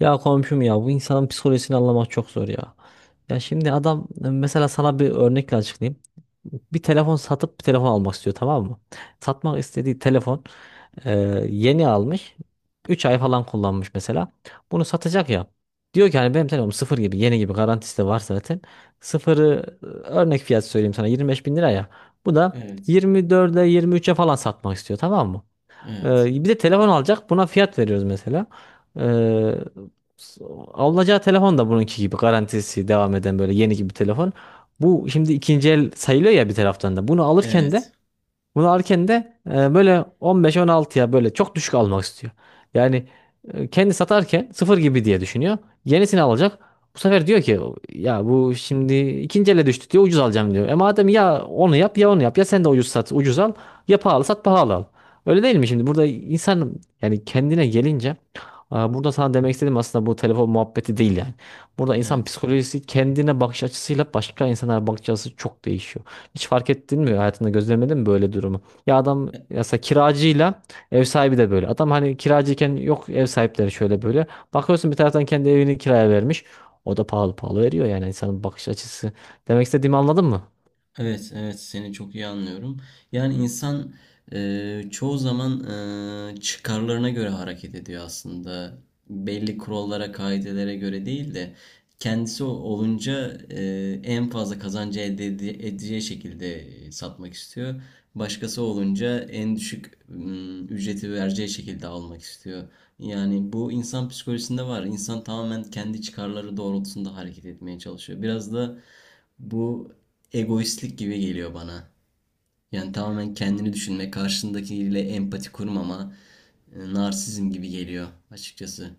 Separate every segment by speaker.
Speaker 1: Ya komşum, ya bu insanın psikolojisini anlamak çok zor ya. Ya şimdi adam, mesela sana bir örnekle açıklayayım. Bir telefon satıp bir telefon almak istiyor, tamam mı? Satmak istediği telefon e, yeni almış. Üç ay falan kullanmış mesela. Bunu satacak ya. Diyor ki hani benim telefonum sıfır gibi, yeni gibi, garantisi de var zaten. Sıfırı örnek fiyat söyleyeyim sana, 25 bin lira ya. Bu da
Speaker 2: Evet,
Speaker 1: 24'e, 23'e falan satmak istiyor, tamam mı?
Speaker 2: evet,
Speaker 1: Bir de telefon alacak. Buna fiyat veriyoruz mesela. Ee, s- alınacağı telefon da bununki gibi garantisi devam eden, böyle yeni gibi bir telefon. Bu şimdi ikinci el sayılıyor ya bir taraftan da. Bunu alırken
Speaker 2: evet,
Speaker 1: de bunu alırken de böyle 15-16'ya, böyle çok düşük almak istiyor. Yani kendi satarken sıfır gibi diye düşünüyor. Yenisini alacak. Bu sefer diyor ki ya bu şimdi ikinci ele düştü diyor, ucuz alacağım diyor. E madem, ya onu yap ya onu yap, ya sen de ucuz sat ucuz al, ya pahalı sat pahalı al. Öyle değil mi şimdi? Burada insan, yani kendine gelince, burada sana demek istediğim aslında bu telefon muhabbeti değil yani. Burada insan
Speaker 2: evet.
Speaker 1: psikolojisi, kendine bakış açısıyla başka insanlara bakış açısı çok değişiyor. Hiç fark ettin mi? Hayatında gözlemledin mi böyle durumu? Ya adam, ya
Speaker 2: E-
Speaker 1: mesela kiracıyla ev sahibi de böyle. Adam hani kiracıyken yok ev sahipleri şöyle böyle. Bakıyorsun bir taraftan kendi evini kiraya vermiş. O da pahalı pahalı veriyor, yani insanın bakış açısı. Demek istediğimi anladın mı?
Speaker 2: Evet, evet, seni çok iyi anlıyorum. Yani insan çoğu zaman çıkarlarına göre hareket ediyor aslında. Belli kurallara, kaidelere göre değil de kendisi olunca en fazla kazancı elde edeceği şekilde satmak istiyor. Başkası olunca en düşük ücreti vereceği şekilde almak istiyor. Yani bu insan psikolojisinde var. İnsan tamamen kendi çıkarları doğrultusunda hareket etmeye çalışıyor. Biraz da bu egoistlik gibi geliyor bana. Yani tamamen kendini düşünme, karşındakiyle empati kurmama, narsizm gibi geliyor açıkçası.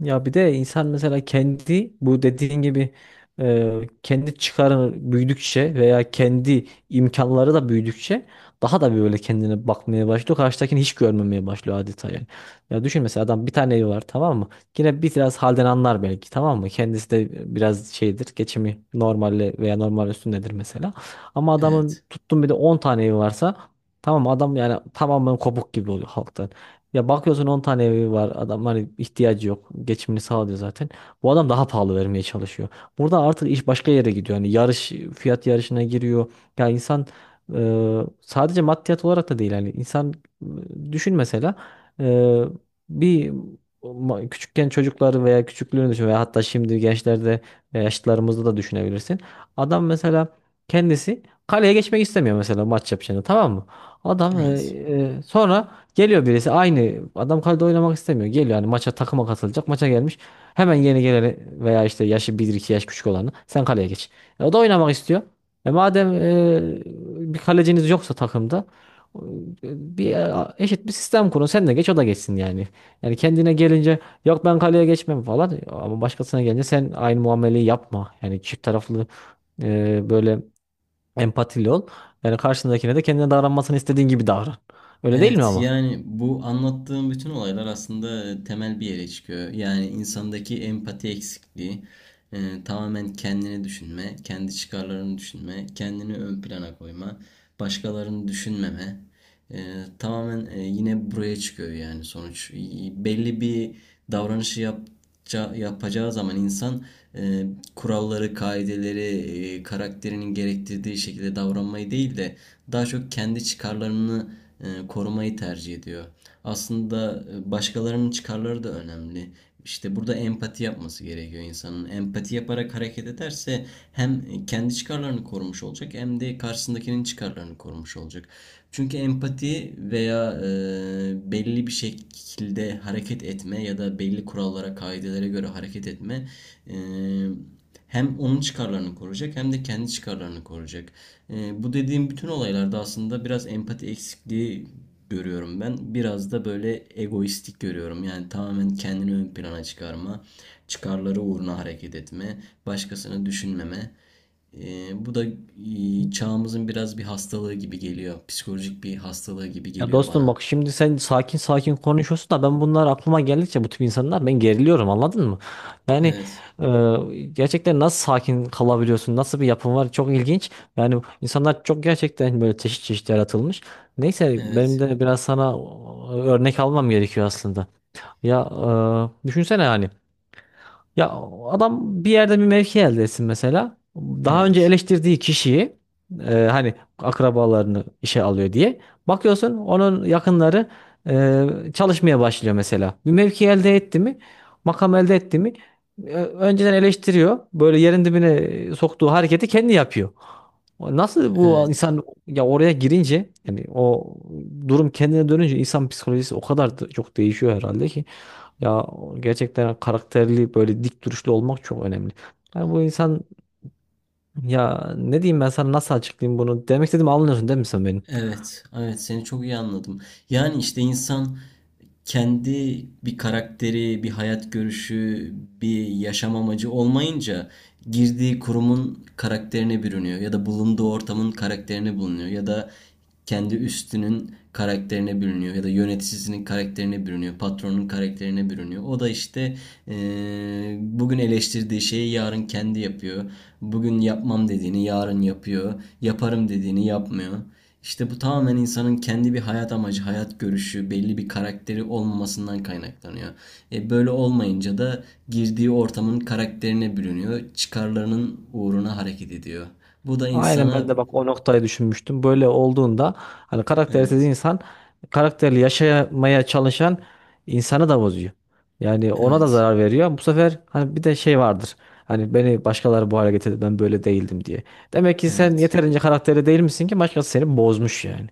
Speaker 1: Ya bir de insan mesela kendi, bu dediğin gibi, kendi çıkarı büyüdükçe veya kendi imkanları da büyüdükçe daha da böyle kendine bakmaya başlıyor. Karşıdakini hiç görmemeye başlıyor adeta yani. Ya düşün mesela, adam bir tane evi var, tamam mı? Yine biraz halden anlar belki, tamam mı? Kendisi de biraz şeydir, geçimi normalle veya normal üstündedir mesela. Ama adamın
Speaker 2: Evet.
Speaker 1: tuttum bir de 10 tane evi varsa, tamam mı, adam yani tamamen kopuk gibi oluyor halkta. Ya bakıyorsun 10 tane evi var adam, hani ihtiyacı yok. Geçimini sağlıyor zaten. Bu adam daha pahalı vermeye çalışıyor. Burada artık iş başka yere gidiyor. Hani yarış, fiyat yarışına giriyor. Ya insan sadece maddiyat olarak da değil, yani insan düşün mesela e, bir küçükken çocukları veya küçüklüğünü düşün, veya hatta şimdi gençlerde veya yaşlılarımızda da düşünebilirsin. Adam mesela kendisi kaleye geçmek istemiyor mesela, maç yapacağını, tamam mı? Adam e,
Speaker 2: Evet.
Speaker 1: e, sonra geliyor birisi, aynı adam kalede oynamak istemiyor. Geliyor hani maça, takıma katılacak. Maça gelmiş. Hemen yeni geleni veya işte yaşı bir iki yaş küçük olanı, sen kaleye geç. E, o da oynamak istiyor. E madem, bir kaleciniz yoksa takımda, e, bir eşit bir sistem kurun. Sen de geç o da geçsin yani. Yani kendine gelince yok ben kaleye geçmem falan, e ama başkasına gelince sen aynı muameleyi yapma. Yani çift taraflı, böyle empatili ol. Yani karşındakine de kendine davranmasını istediğin gibi davran. Öyle değil mi
Speaker 2: Evet,
Speaker 1: ama?
Speaker 2: yani bu anlattığım bütün olaylar aslında temel bir yere çıkıyor. Yani insandaki empati eksikliği, tamamen kendini düşünme, kendi çıkarlarını düşünme, kendini ön plana koyma, başkalarını düşünmeme. E, Tamamen yine buraya çıkıyor yani sonuç. Belli bir davranışı yapacağı zaman insan e, kuralları, kaideleri, karakterinin gerektirdiği şekilde davranmayı değil de daha çok kendi çıkarlarını korumayı tercih ediyor aslında, başkalarının çıkarları da önemli. İşte burada empati yapması gerekiyor insanın. Empati yaparak hareket ederse hem kendi çıkarlarını korumuş olacak hem de karşısındakinin çıkarlarını korumuş olacak. Çünkü empati veya belli bir şekilde hareket etme ya da belli kurallara, kaidelere göre hareket etme e, hem onun çıkarlarını koruyacak hem de kendi çıkarlarını koruyacak. Bu dediğim bütün olaylarda aslında biraz empati eksikliği görüyorum ben. Biraz da böyle egoistik görüyorum. Yani tamamen kendini ön plana çıkarma, çıkarları uğruna hareket etme, başkasını düşünmeme. Bu da çağımızın biraz bir hastalığı gibi geliyor. Psikolojik bir hastalığı gibi
Speaker 1: Ya
Speaker 2: geliyor
Speaker 1: dostum,
Speaker 2: bana.
Speaker 1: bak şimdi sen sakin sakin konuşuyorsun da ben bunlar aklıma geldikçe, bu tip insanlar, ben geriliyorum, anladın mı? Yani
Speaker 2: Evet,
Speaker 1: gerçekten nasıl sakin kalabiliyorsun? Nasıl bir yapın var? Çok ilginç. Yani insanlar çok gerçekten böyle çeşit çeşit yaratılmış. Neyse benim
Speaker 2: evet,
Speaker 1: de biraz sana örnek almam gerekiyor aslında. Ya düşünsene yani, ya adam bir yerde bir mevki elde etsin mesela. Daha önce
Speaker 2: evet,
Speaker 1: eleştirdiği kişiyi, hani akrabalarını işe alıyor diye. Bakıyorsun onun yakınları çalışmaya başlıyor mesela. Bir mevki elde etti mi, makam elde etti mi, önceden eleştiriyor. Böyle yerin dibine soktuğu hareketi kendi yapıyor. Nasıl bu
Speaker 2: evet,
Speaker 1: insan ya, oraya girince, yani o durum kendine dönünce, insan psikolojisi o kadar da çok değişiyor herhalde ki. Ya gerçekten karakterli, böyle dik duruşlu olmak çok önemli. Yani bu insan, ya ne diyeyim ben sana, nasıl açıklayayım bunu? Demek istediğimi anlıyorsun değil mi sen benim?
Speaker 2: evet, evet. Seni çok iyi anladım. Yani işte insan kendi bir karakteri, bir hayat görüşü, bir yaşam amacı olmayınca girdiği kurumun karakterine bürünüyor ya da bulunduğu ortamın karakterine bulunuyor ya da kendi üstünün karakterine bürünüyor ya da yöneticisinin karakterine bürünüyor, patronun karakterine bürünüyor. O da işte eee, bugün eleştirdiği şeyi yarın kendi yapıyor. Bugün yapmam dediğini yarın yapıyor. Yaparım dediğini yapmıyor. İşte bu tamamen insanın kendi bir hayat amacı, hayat görüşü, belli bir karakteri olmamasından kaynaklanıyor. E böyle olmayınca da girdiği ortamın karakterine bürünüyor, çıkarlarının uğruna hareket ediyor. Bu da
Speaker 1: Aynen,
Speaker 2: insana
Speaker 1: ben de bak o noktayı düşünmüştüm. Böyle olduğunda, hani karaktersiz
Speaker 2: evet,
Speaker 1: insan karakterli yaşamaya çalışan insanı da bozuyor. Yani ona da
Speaker 2: evet,
Speaker 1: zarar veriyor. Bu sefer hani bir de şey vardır. Hani beni başkaları bu hale getirdi, ben böyle değildim diye. Demek ki sen
Speaker 2: evet,
Speaker 1: yeterince karakterli değil misin ki başkası seni bozmuş yani.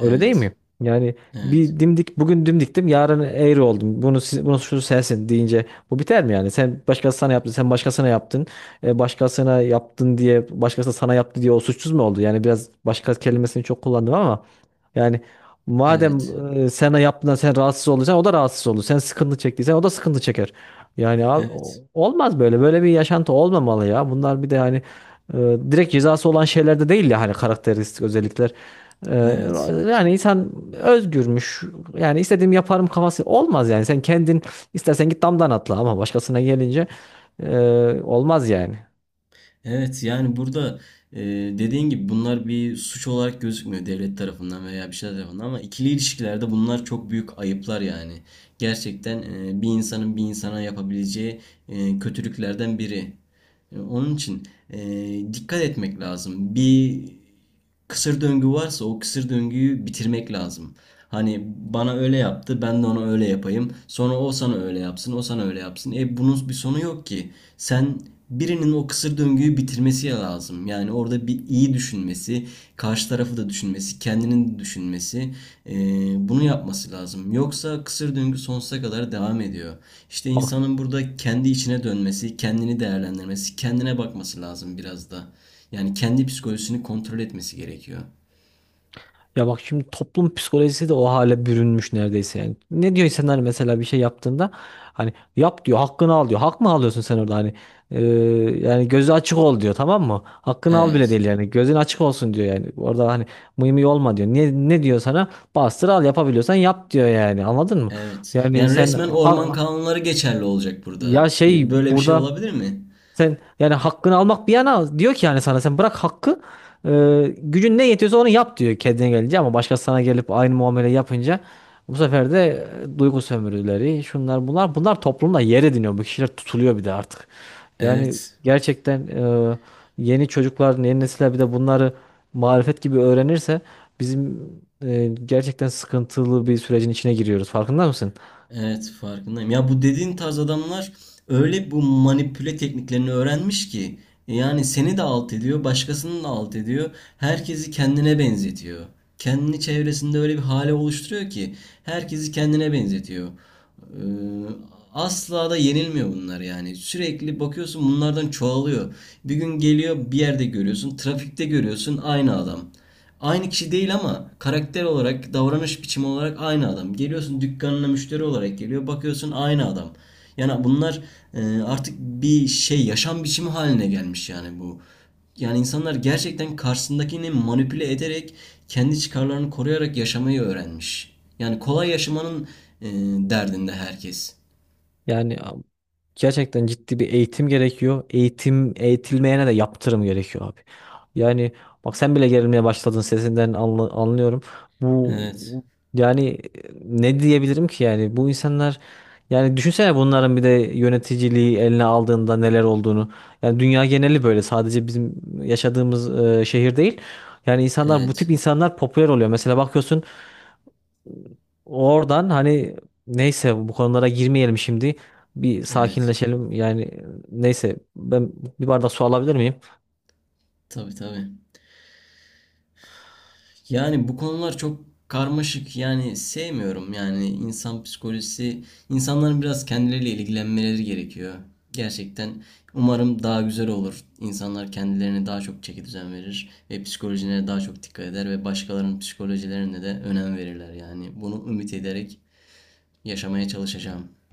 Speaker 1: Öyle değil
Speaker 2: evet,
Speaker 1: mi? Yani
Speaker 2: evet,
Speaker 1: bir dimdik, bugün dimdiktim yarın eğri oldum. Bunun suçlusu sensin deyince bu biter mi yani? Sen başkasına, sana yaptı, sen başkasına yaptın. E, başkasına yaptın diye, başkası sana yaptı diye o suçsuz mu oldu? Yani biraz başka kelimesini çok kullandım ama yani madem
Speaker 2: evet,
Speaker 1: sana yaptığından sen rahatsız olacaksın, o da rahatsız olur. Sen sıkıntı çektiysen o da sıkıntı çeker. Yani abi,
Speaker 2: evet,
Speaker 1: olmaz böyle. Böyle bir yaşantı olmamalı ya. Bunlar bir de hani e, direkt cezası olan şeyler de değil ya, hani karakteristik özellikler. Ee,
Speaker 2: evet.
Speaker 1: yani insan özgürmüş. Yani istediğimi yaparım kafası olmaz yani. Sen kendin istersen git damdan atla, ama başkasına gelince, e, olmaz yani.
Speaker 2: Evet, yani burada e, dediğin gibi bunlar bir suç olarak gözükmüyor devlet tarafından veya bir şeyler tarafından ama ikili ilişkilerde bunlar çok büyük ayıplar yani. Gerçekten bir insanın bir insana yapabileceği kötülüklerden biri. Onun için dikkat etmek lazım. Bir kısır döngü varsa o kısır döngüyü bitirmek lazım. Hani bana öyle yaptı, ben de ona öyle yapayım. Sonra o sana öyle yapsın, o sana öyle yapsın. E bunun bir sonu yok ki. Sen birinin o kısır döngüyü bitirmesi lazım. Yani orada bir iyi düşünmesi, karşı tarafı da düşünmesi, kendinin de düşünmesi, e, bunu yapması lazım. Yoksa kısır döngü sonsuza kadar devam ediyor. İşte
Speaker 1: Bak,
Speaker 2: insanın burada kendi içine dönmesi, kendini değerlendirmesi, kendine bakması lazım biraz da. Yani kendi psikolojisini kontrol etmesi gerekiyor.
Speaker 1: ya bak şimdi toplum psikolojisi de o hale bürünmüş neredeyse yani. Ne diyor insanlar mesela bir şey yaptığında, hani yap diyor, hakkını al diyor. Hak mı alıyorsun sen orada hani? Ee, yani gözü açık ol diyor, tamam mı? Hakkını al bile
Speaker 2: Evet.
Speaker 1: değil yani, gözün açık olsun diyor yani. Orada hani mıy mıy olma diyor. Ne, ne diyor sana? Bastır al, yapabiliyorsan yap diyor yani, anladın mı?
Speaker 2: Evet.
Speaker 1: Yani
Speaker 2: Yani
Speaker 1: sen,
Speaker 2: resmen orman
Speaker 1: ha-
Speaker 2: kanunları geçerli olacak
Speaker 1: ya
Speaker 2: burada.
Speaker 1: şey,
Speaker 2: Böyle bir şey
Speaker 1: burada
Speaker 2: olabilir mi?
Speaker 1: sen yani hakkını almak bir yana, diyor ki yani sana, sen bırak hakkı, e, gücün ne yetiyorsa onu yap diyor kendine gelince, ama başkası sana gelip aynı muamele yapınca, bu sefer de duygu sömürüleri, şunlar bunlar, bunlar toplumda yer ediniyor, bu kişiler tutuluyor bir de artık. Yani
Speaker 2: Evet.
Speaker 1: gerçekten yeni çocuklar, yeni nesiller bir de bunları marifet gibi öğrenirse bizim, gerçekten sıkıntılı bir sürecin içine giriyoruz, farkında mısın?
Speaker 2: Evet, farkındayım. Ya bu dediğin tarz adamlar öyle bu manipüle tekniklerini öğrenmiş ki yani seni de alt ediyor, başkasını da alt ediyor. Herkesi kendine benzetiyor. Kendini çevresinde öyle bir hale oluşturuyor ki herkesi kendine benzetiyor. Ee, Asla da yenilmiyor bunlar yani. Sürekli bakıyorsun bunlardan çoğalıyor. Bir gün geliyor bir yerde görüyorsun, trafikte görüyorsun aynı adam. Aynı kişi değil ama karakter olarak, davranış biçimi olarak aynı adam. Geliyorsun dükkanına müşteri olarak geliyor, bakıyorsun aynı adam. Yani bunlar artık bir şey, yaşam biçimi haline gelmiş yani bu. Yani insanlar gerçekten karşısındakini manipüle ederek, kendi çıkarlarını koruyarak yaşamayı öğrenmiş. Yani kolay yaşamanın e, derdinde herkes.
Speaker 1: Yani gerçekten ciddi bir eğitim gerekiyor. Eğitim, eğitilmeyene de yaptırım gerekiyor abi. Yani bak sen bile gerilmeye başladın, sesinden anlıyorum. Bu,
Speaker 2: Evet,
Speaker 1: yani ne diyebilirim ki yani, bu insanlar, yani düşünsene bunların bir de yöneticiliği eline aldığında neler olduğunu. Yani dünya geneli böyle, sadece bizim yaşadığımız şehir değil. Yani insanlar, bu tip
Speaker 2: evet,
Speaker 1: insanlar popüler oluyor. Mesela bakıyorsun, oradan hani, neyse bu konulara girmeyelim şimdi. Bir
Speaker 2: evet.
Speaker 1: sakinleşelim. Yani neyse, ben bir bardak su alabilir miyim?
Speaker 2: Tabii, tabii. Yani bu konular çok karmaşık. Yani sevmiyorum. Yani insan psikolojisi, insanların biraz kendileriyle ilgilenmeleri gerekiyor. Gerçekten umarım daha güzel olur. İnsanlar kendilerine daha çok çeki düzen verir ve psikolojilerine daha çok dikkat eder ve başkalarının psikolojilerine de önem verirler. Yani bunu ümit ederek yaşamaya çalışacağım.